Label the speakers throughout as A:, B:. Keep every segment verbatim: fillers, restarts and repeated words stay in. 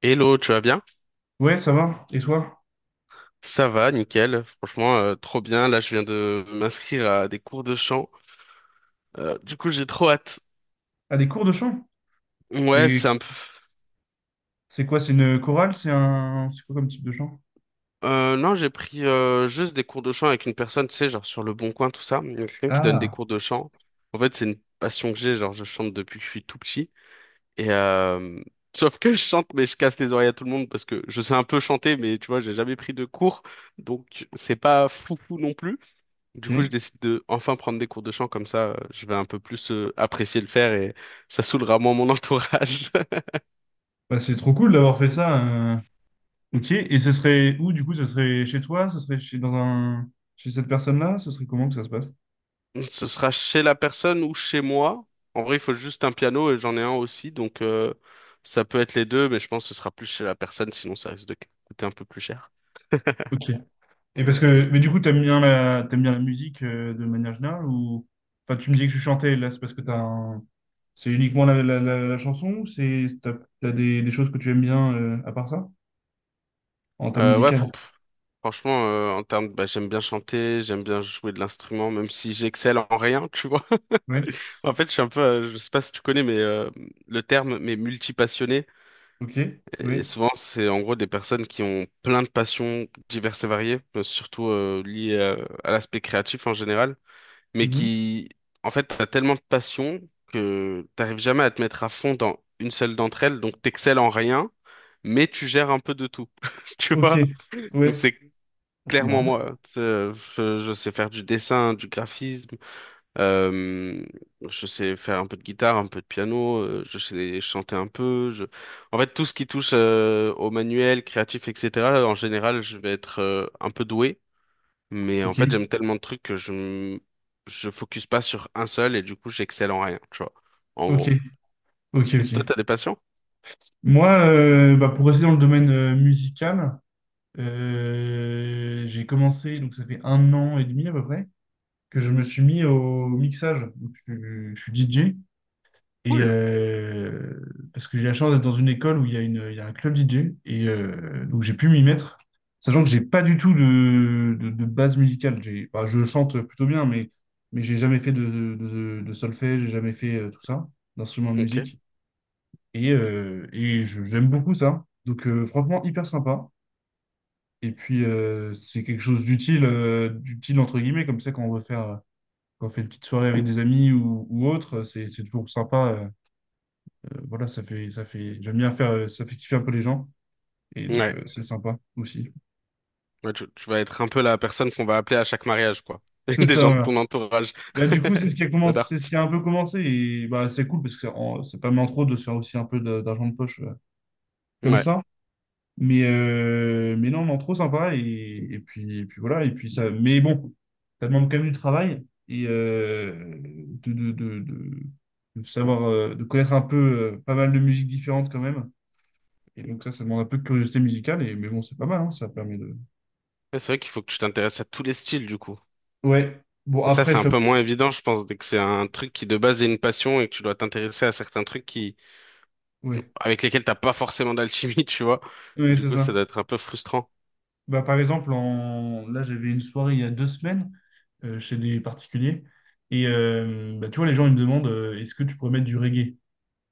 A: Hello, tu vas bien?
B: Ouais, ça va. Et toi?
A: Ça va, nickel. Franchement, euh, trop bien. Là, je viens de m'inscrire à des cours de chant. Euh, du coup, j'ai trop hâte.
B: Ah, des cours de chant?
A: Ouais, c'est
B: C'est
A: un peu...
B: c'est quoi? C'est une chorale? C'est un c'est quoi comme type de chant?
A: Euh, non, j'ai pris euh, juste des cours de chant avec une personne, tu sais, genre sur Le Bon Coin, tout ça. Il y a quelqu'un qui donne des
B: Ah,
A: cours de chant. En fait, c'est une passion que j'ai. Genre, je chante depuis que je suis tout petit. Et euh, sauf que je chante, mais je casse les oreilles à tout le monde parce que je sais un peu chanter, mais tu vois, j'ai jamais pris de cours, donc c'est pas foufou non plus.
B: ok.
A: Du coup, je décide de enfin prendre des cours de chant, comme ça, euh, je vais un peu plus euh, apprécier le faire et ça saoulera moins mon entourage.
B: Bah, c'est trop cool d'avoir fait ça. euh. Ok. Et ce serait où du coup? Ce serait chez toi? Ce serait chez dans un chez cette personne-là? Ce serait comment que ça se passe?
A: Ce sera chez la personne ou chez moi. En vrai, il faut juste un piano et j'en ai un aussi, donc euh, ça peut être les deux, mais je pense que ce sera plus chez la personne, sinon ça risque de coûter un peu plus cher.
B: Ok. Et parce que mais du coup t'aimes bien la t'aimes bien la musique, euh, de manière générale, ou enfin tu me disais que tu chantais, là c'est parce que t'as un... c'est uniquement la, la, la, la chanson, ou c'est t'as, t'as des, des choses que tu aimes bien euh, à part ça en termes
A: Euh, ouais,
B: musicaux?
A: faut- pff, franchement, euh, en termes, de- bah, j'aime bien chanter, j'aime bien jouer de l'instrument, même si j'excelle en rien, tu vois.
B: Ouais.
A: En fait, je suis un peu, euh, je sais pas si tu connais, mais euh, le terme, mais multi.
B: Ok.
A: Et
B: Oui.
A: souvent, c'est en gros des personnes qui ont plein de passions diverses et variées, euh, surtout euh, liées euh, à l'aspect créatif en général, mais
B: Mhm.
A: qui, en fait, t'as tellement de passions que t'arrives jamais à te mettre à fond dans une seule d'entre elles, donc t'excelles en rien, mais tu gères un peu de tout, tu
B: Ok,
A: vois? Donc
B: ouais.
A: c'est
B: Ah, c'est
A: clairement
B: marrant.
A: moi. C'est- Je, je sais faire du dessin, du graphisme, euh, je sais faire un peu de guitare, un peu de piano, euh, je sais chanter un peu. Je... En fait, tout ce qui touche euh, au manuel, créatif, et cetera, en général, je vais être euh, un peu doué. Mais en
B: Ok,
A: fait, j'aime tellement de trucs que je m- je focus pas sur un seul et du coup, j'excelle en rien, tu vois, en
B: ok,
A: gros.
B: ok,
A: Et toi,
B: ok.
A: t'as des passions?
B: Moi, euh, bah, pour rester dans le domaine euh, musical, euh, j'ai commencé, donc ça fait un an et demi à peu près, que je me suis mis au mixage. Donc, je, je suis D J. Et
A: Cool.
B: euh, parce que j'ai la chance d'être dans une école où il y a une, il y a un club D J, et euh, donc j'ai pu m'y mettre, sachant que j'ai pas du tout de, de, de, base musicale. J'ai, bah, je chante plutôt bien, mais mais j'ai jamais fait de, de, de solfège, j'ai jamais fait, euh, tout ça, d'instrument de
A: Ok.
B: musique. Et, euh, et je- j'aime beaucoup ça. Donc euh, franchement hyper sympa. Et puis, euh, c'est quelque chose d'utile, euh, d'utile entre guillemets, comme ça quand on veut faire, quand on fait une petite soirée avec des amis, ou, ou autre, c'est c'est toujours sympa. Euh, euh, voilà, ça fait, ça fait, j'aime bien faire, euh, ça fait kiffer un peu les gens. Et donc,
A: Ouais.
B: euh, c'est sympa aussi.
A: Ouais, tu, tu vas être un peu la personne qu'on va appeler à chaque mariage, quoi.
B: C'est
A: Des
B: ça,
A: gens de
B: voilà.
A: ton entourage.
B: Bah, du coup, c'est ce qui a commencé,
A: J'adore.
B: c'est ce qui a un peu commencé. Et bah, c'est cool parce que en- c'est pas mal en trop de se faire aussi un peu de- d'argent de poche, euh, comme
A: Ouais.
B: ça. Mais, euh, mais non, non, trop sympa. Et, et puis, et puis voilà. Et puis ça, mais bon, ça demande quand même du travail, et euh, de, de, de, de- de savoir, euh, de connaître un peu, euh, pas mal de musiques différentes quand même. Et donc, ça, ça demande un peu de curiosité musicale. Et, mais bon, c'est pas mal, hein, ça permet de.
A: Mais c'est vrai qu'il faut que tu t'intéresses à tous les styles, du coup.
B: Ouais. Bon,
A: Et ça,
B: après,
A: c'est un
B: je.
A: peu moins évident, je pense, dès que c'est un truc qui de base est une passion et que tu dois t'intéresser à certains trucs qui,
B: Ouais.
A: avec lesquels t'as pas forcément d'alchimie, tu vois.
B: Oui,
A: Du
B: c'est
A: coup, ça
B: ça.
A: doit être un peu frustrant.
B: Bah, par exemple, en... là, j'avais une soirée il y a deux semaines, euh, chez des particuliers. Et euh, bah, tu vois, les gens, ils me demandent, euh, est-ce que tu pourrais mettre du reggae?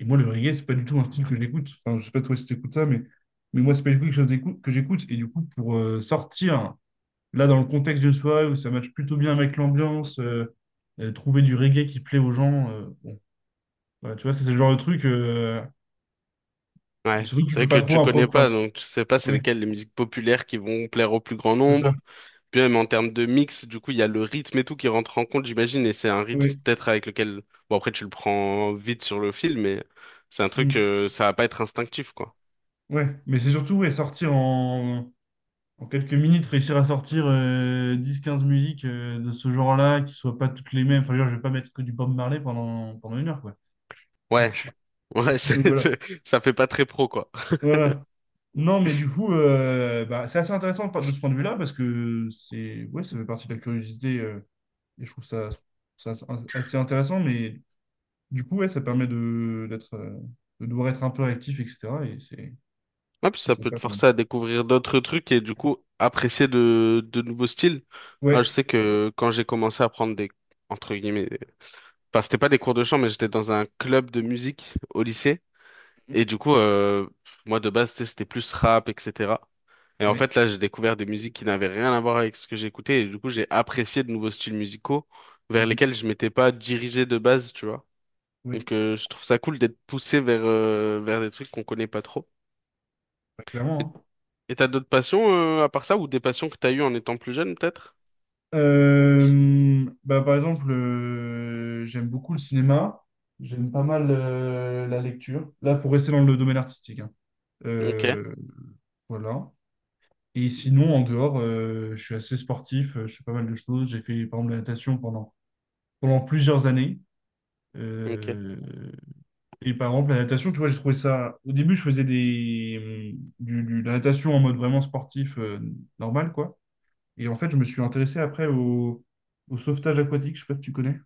B: Et moi, le reggae, c'est pas du tout un style que j'écoute. Enfin, je sais pas toi si tu écoutes ça, mais... mais moi, c'est pas du tout quelque chose d'écou- que j'écoute. Et du coup, pour, euh, sortir, là, dans le contexte d'une soirée où ça matche plutôt bien avec l'ambiance, euh, euh, trouver du reggae qui plaît aux gens, euh, bon, voilà, tu vois, ça, c'est le genre de truc. Euh, et
A: Ouais.
B: surtout que tu
A: C'est vrai
B: peux pas
A: que
B: trop,
A: tu
B: appro-
A: connais
B: enfin,
A: pas, donc tu sais pas c'est
B: ouais,
A: lesquelles les musiques populaires qui vont plaire au plus grand
B: c'est ça.
A: nombre. Puis même en termes de mix, du coup, il y a le rythme et tout qui rentre en compte, j'imagine, et c'est un rythme
B: Ouais.
A: peut-être avec lequel, bon après tu le prends vite sur le fil, mais c'est un truc,
B: Mm.
A: euh, ça va pas être instinctif, quoi.
B: Ouais, mais c'est surtout, ouais, sortir en, en quelques minutes, réussir à sortir, euh, dix quinze musiques, euh, de ce genre-là, qui soient pas toutes les mêmes. Enfin, je veux dire, je vais pas mettre que du Bob Marley pendant, pendant une heure, quoi.
A: Ouais.
B: Donc,
A: Ouais,
B: donc
A: c'est,
B: voilà.
A: c'est- ça fait pas très pro, quoi.
B: Voilà. Non, mais du coup, euh, bah, c'est assez intéressant par- de ce point de vue-là, parce que c'est ouais, ça fait partie de la curiosité, euh, et je trouve ça, ça assez intéressant, mais du coup, ouais, ça permet de d'être, euh, de devoir être un peu actif, et cetera. Et c'est
A: Ouais, puis
B: c'est
A: ça peut
B: sympa.
A: te forcer à découvrir d'autres trucs et du coup apprécier de, de nouveaux styles. Moi, je
B: Ouais,
A: sais que quand j'ai commencé à prendre des, entre guillemets, des- enfin, c'était pas des cours de chant, mais j'étais dans un club de musique au lycée. Et du coup, euh, moi, de base, tu sais, c'était plus rap, et cetera. Et en
B: ouais.
A: fait, là, j'ai découvert des musiques qui n'avaient rien à voir avec ce que j'écoutais. Et du coup, j'ai apprécié de nouveaux styles musicaux vers
B: Mhm.
A: lesquels je m'étais pas dirigé de base, tu vois.
B: Ouais.
A: Donc, euh, je trouve ça cool d'être poussé vers, euh, vers des trucs qu'on connaît pas trop.
B: Bah, clairement, hein.
A: Et t'as d'autres passions euh, à part ça ou des passions que t'as eues en étant plus jeune peut-être?
B: Euh, bah, par exemple, euh, j'aime beaucoup le cinéma, j'aime pas mal, euh, la lecture. Là, pour rester dans le domaine artistique, hein.
A: Ok,
B: Euh, voilà. Et sinon, en dehors, euh, je suis assez sportif, euh, je fais pas mal de choses. J'ai fait, par exemple, la natation pendant, pendant plusieurs années.
A: ok.
B: Euh, et par exemple, la natation, tu vois, j'ai trouvé ça. Au début, je faisais des, hum, du, du- de la natation en mode vraiment sportif, euh, normal, quoi. Et en fait, je me suis intéressé après au, au sauvetage aquatique, je sais pas si tu connais.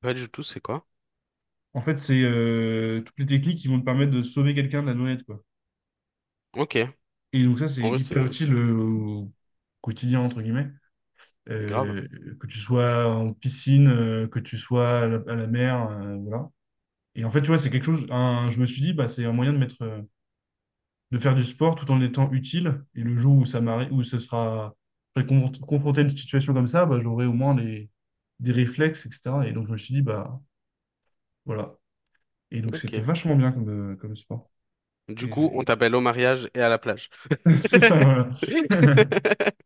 A: Pas du tout, c'est quoi?
B: En fait, c'est, euh, toutes les techniques qui vont te permettre de sauver quelqu'un de la noyade, quoi.
A: Ok.
B: Et donc ça, c'est
A: En vrai,
B: hyper
A: c'est c'est
B: utile, euh, au quotidien, entre guillemets.
A: grave.
B: Euh, que tu sois en piscine, euh, que tu sois à la, à la mer, euh, voilà. Et en fait, tu vois, c'est quelque chose, un- je me suis dit, bah, c'est un moyen de mettre, euh, de faire du sport tout en étant utile. Et le jour où ça m'arrive, où ce sera, je serai confron- confronté à une situation comme ça, bah, j'aurai au moins les, des réflexes, et cetera. Et donc, je me suis dit, bah, voilà. Et donc, c'était
A: Ok.
B: vachement bien comme, euh, comme sport.
A: Du
B: Et
A: coup,
B: j'ai-
A: on t'appelle au mariage et à la plage.
B: C'est ça, voilà.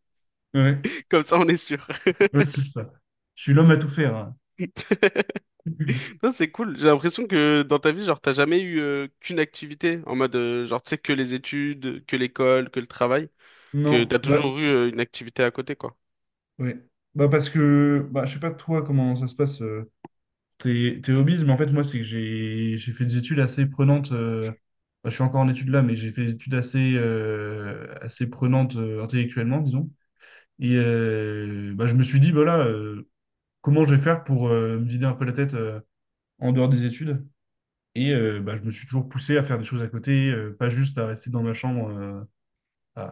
B: Ouais,
A: Comme ça, on est sûr.
B: ouais, c'est ça. Je suis l'homme à tout faire, hein.
A: Non, c'est cool. J'ai l'impression que dans ta vie, genre, t'as jamais eu euh, qu'une activité en mode, euh, genre, tu sais, que les études, que l'école, que le travail, que
B: Non,
A: t'as
B: bah,
A: toujours eu euh, une activité à côté, quoi.
B: ouais. Bah, parce que, bah, je sais pas toi comment ça se passe, euh, tes, tes hobbies, mais en fait, moi, c'est que j'ai j'ai fait des études assez prenantes. Euh, bah, je suis encore en études là, mais j'ai fait des études assez, euh, assez prenantes, euh, intellectuellement, disons. Et euh, bah, je me suis dit, voilà, euh, comment je vais faire pour, euh, me vider un peu la tête, euh, en dehors des études? Et euh, bah, je me suis toujours poussé à faire des choses à côté, euh, pas juste à rester dans ma chambre, euh, à,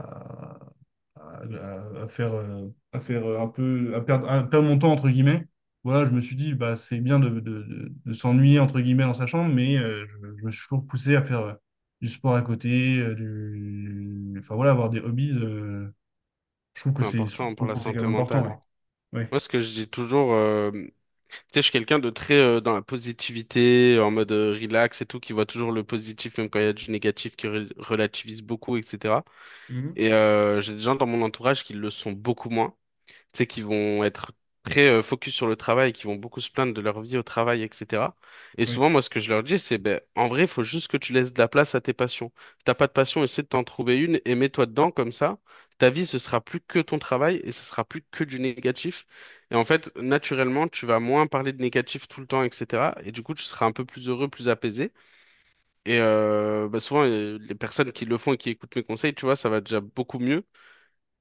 B: à- à- à faire, euh, à faire euh, un peu, à perdre, à perdre mon temps, entre guillemets. Voilà, je me suis dit, bah, c'est bien de, de- de- de s'ennuyer, entre guillemets, dans sa chambre, mais, euh, je, je me suis toujours poussé à faire, euh, du sport à côté, euh, du... enfin voilà, avoir des hobbies. Euh, je trouve que
A: C'est
B: c'est, je
A: important pour
B: trouve
A: la
B: que c'est quand
A: santé
B: même important,
A: mentale.
B: ouais. Ouais.
A: Moi, ce que je dis toujours, euh, tu sais, je suis quelqu'un de très euh, dans la positivité, en mode euh, relax et tout, qui voit toujours le positif, même quand il y a du négatif, qui re- relativise beaucoup, et cetera.
B: Mhm.
A: Et euh, j'ai des gens dans mon entourage qui le sont beaucoup moins, tu sais, qui vont être très euh, focus sur le travail, qui vont beaucoup se plaindre de leur vie au travail, et cetera. Et
B: Oui.
A: souvent, moi, ce que je leur dis, c'est, ben, en vrai, il faut juste que tu laisses de la place à tes passions. T'as pas de passion, essaie de t'en trouver une et mets-toi dedans comme ça. Ta vie, ce sera plus que ton travail et ce sera plus que du négatif. Et en fait, naturellement, tu vas moins parler de négatif tout le temps, et cetera. Et du coup, tu seras un peu plus heureux, plus apaisé. Et euh, bah, souvent, euh, les personnes qui le font et qui écoutent mes conseils, tu vois, ça va déjà beaucoup mieux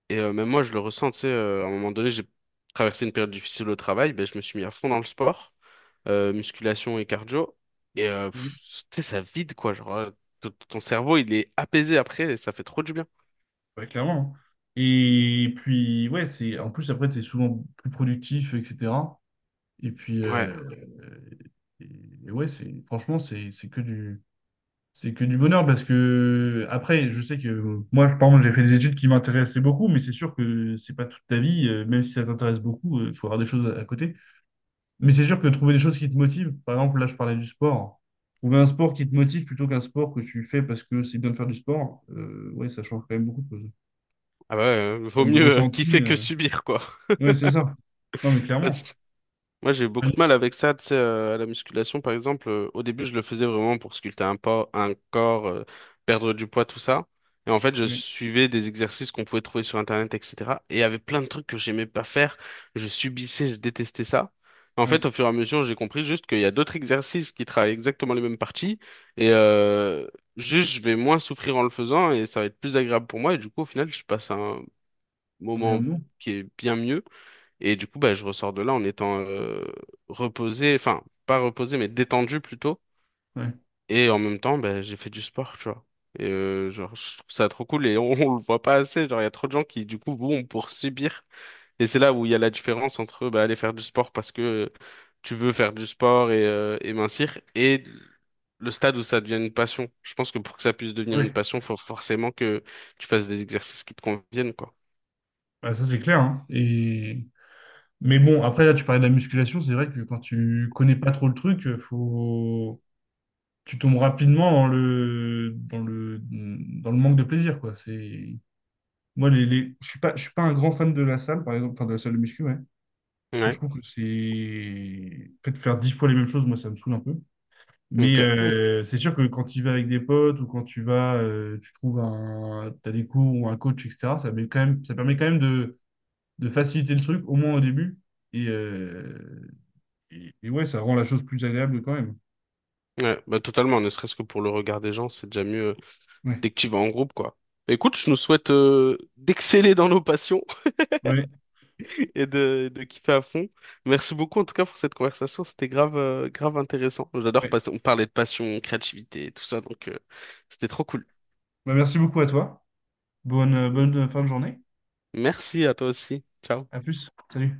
A: et euh, même moi, je le ressens, tu sais, euh, à un moment donné, j'ai traversé une période difficile au travail, ben, je me suis mis à fond dans le sport, euh, musculation et cardio. Et euh, pff, tu sais, ça vide, quoi. Genre, euh, ton ton cerveau, il est apaisé après, et ça fait trop du bien.
B: Ouais, clairement, hein. Et puis, ouais, c'est en plus, après, tu es souvent plus productif, et cetera. Et puis,
A: Ouais.
B: euh, et, et ouais, c'est franchement, c'est c'est que du, c'est que du bonheur, parce que, après, je sais que moi, par exemple, j'ai fait des études qui m'intéressaient beaucoup, mais c'est sûr que c'est pas toute ta vie, euh, même si ça t'intéresse beaucoup, il faut avoir des choses à, à côté. Mais c'est sûr que trouver des choses qui te motivent, par exemple, là, je parlais du sport. Trouver un sport qui te motive plutôt qu'un sport que tu fais parce que c'est bien de faire du sport, euh, ouais, ça change quand même beaucoup de choses.
A: Ah bah ouais, euh,
B: En
A: vaut
B: termes de
A: mieux euh,
B: ressenti.
A: kiffer que
B: euh,
A: subir, quoi.
B: Ouais, c'est ça. Non, mais clairement.
A: Moi, j'ai eu beaucoup de
B: Allez.
A: mal avec ça, tu sais, euh, à la musculation, par exemple. euh, au début, je le faisais vraiment pour sculpter un, por- un corps, euh, perdre du poids, tout ça. Et en fait, je
B: Ouais,
A: suivais des exercices qu'on pouvait trouver sur Internet, et cetera. Et il y avait plein de trucs que j'aimais pas faire. Je subissais, je détestais ça. En fait,
B: ouais.
A: au fur et à mesure, j'ai compris juste qu'il y a d'autres exercices qui travaillent exactement les mêmes parties. Et euh, juste, je vais moins souffrir en le faisant et ça va être plus agréable pour moi. Et du coup, au final, je passe un
B: Un meilleur
A: moment
B: mot.
A: qui est bien mieux. Et du coup, bah, je ressors de là en étant euh, reposé, enfin, pas reposé, mais détendu plutôt.
B: Ouais,
A: Et en même temps, bah, j'ai fait du sport, tu vois. Et euh, genre, je trouve ça trop cool et on, on le voit pas assez. Genre, il y a trop de gens qui, du coup, vont pour subir. Et c'est là où il y a la différence entre bah, aller faire du sport parce que tu veux faire du sport et, euh, et mincir et le stade où ça devient une passion. Je pense que pour que ça puisse devenir une
B: ouais.
A: passion, faut forcément que tu fasses des exercices qui te conviennent, quoi.
B: Bah, ça c'est clair, hein. Et... Mais bon, après là, tu parlais de la musculation, c'est vrai que quand tu connais pas trop le truc, euh, faut. Tu tombes rapidement dans le... Dans le... dans le manque de plaisir, quoi. C'est... Moi, les, les- je suis pas, je suis pas un grand fan de la salle, par exemple, enfin de la salle de muscu, ouais. Parce que je
A: Ouais.
B: trouve que c'est. En fait, faire dix fois les mêmes choses, moi, ça me saoule un peu. Mais
A: Ok.
B: euh, c'est sûr que quand tu y vas avec des potes, ou quand tu vas, euh, tu trouves un, t'as des cours ou un coach, et cetera, ça met quand même, ça permet quand même de, de faciliter le truc, au moins au début. Et, euh, et, et ouais, ça rend la chose plus agréable quand même.
A: Ouais, bah totalement, ne serait-ce que pour le regard des gens, c'est déjà mieux euh,
B: Ouais,
A: dès que tu vas en groupe, quoi. Bah, écoute, je nous souhaite euh, d'exceller dans nos passions
B: ouais,
A: et de, de kiffer à fond. Merci beaucoup en tout cas pour cette conversation, c'était grave, euh, grave intéressant. J'adore,
B: ouais.
A: parce- on parlait de passion, créativité, tout ça, donc euh, c'était trop cool.
B: Bah, merci beaucoup à toi. Bonne, bonne fin de journée.
A: Merci à toi aussi. Ciao.
B: À plus. Salut.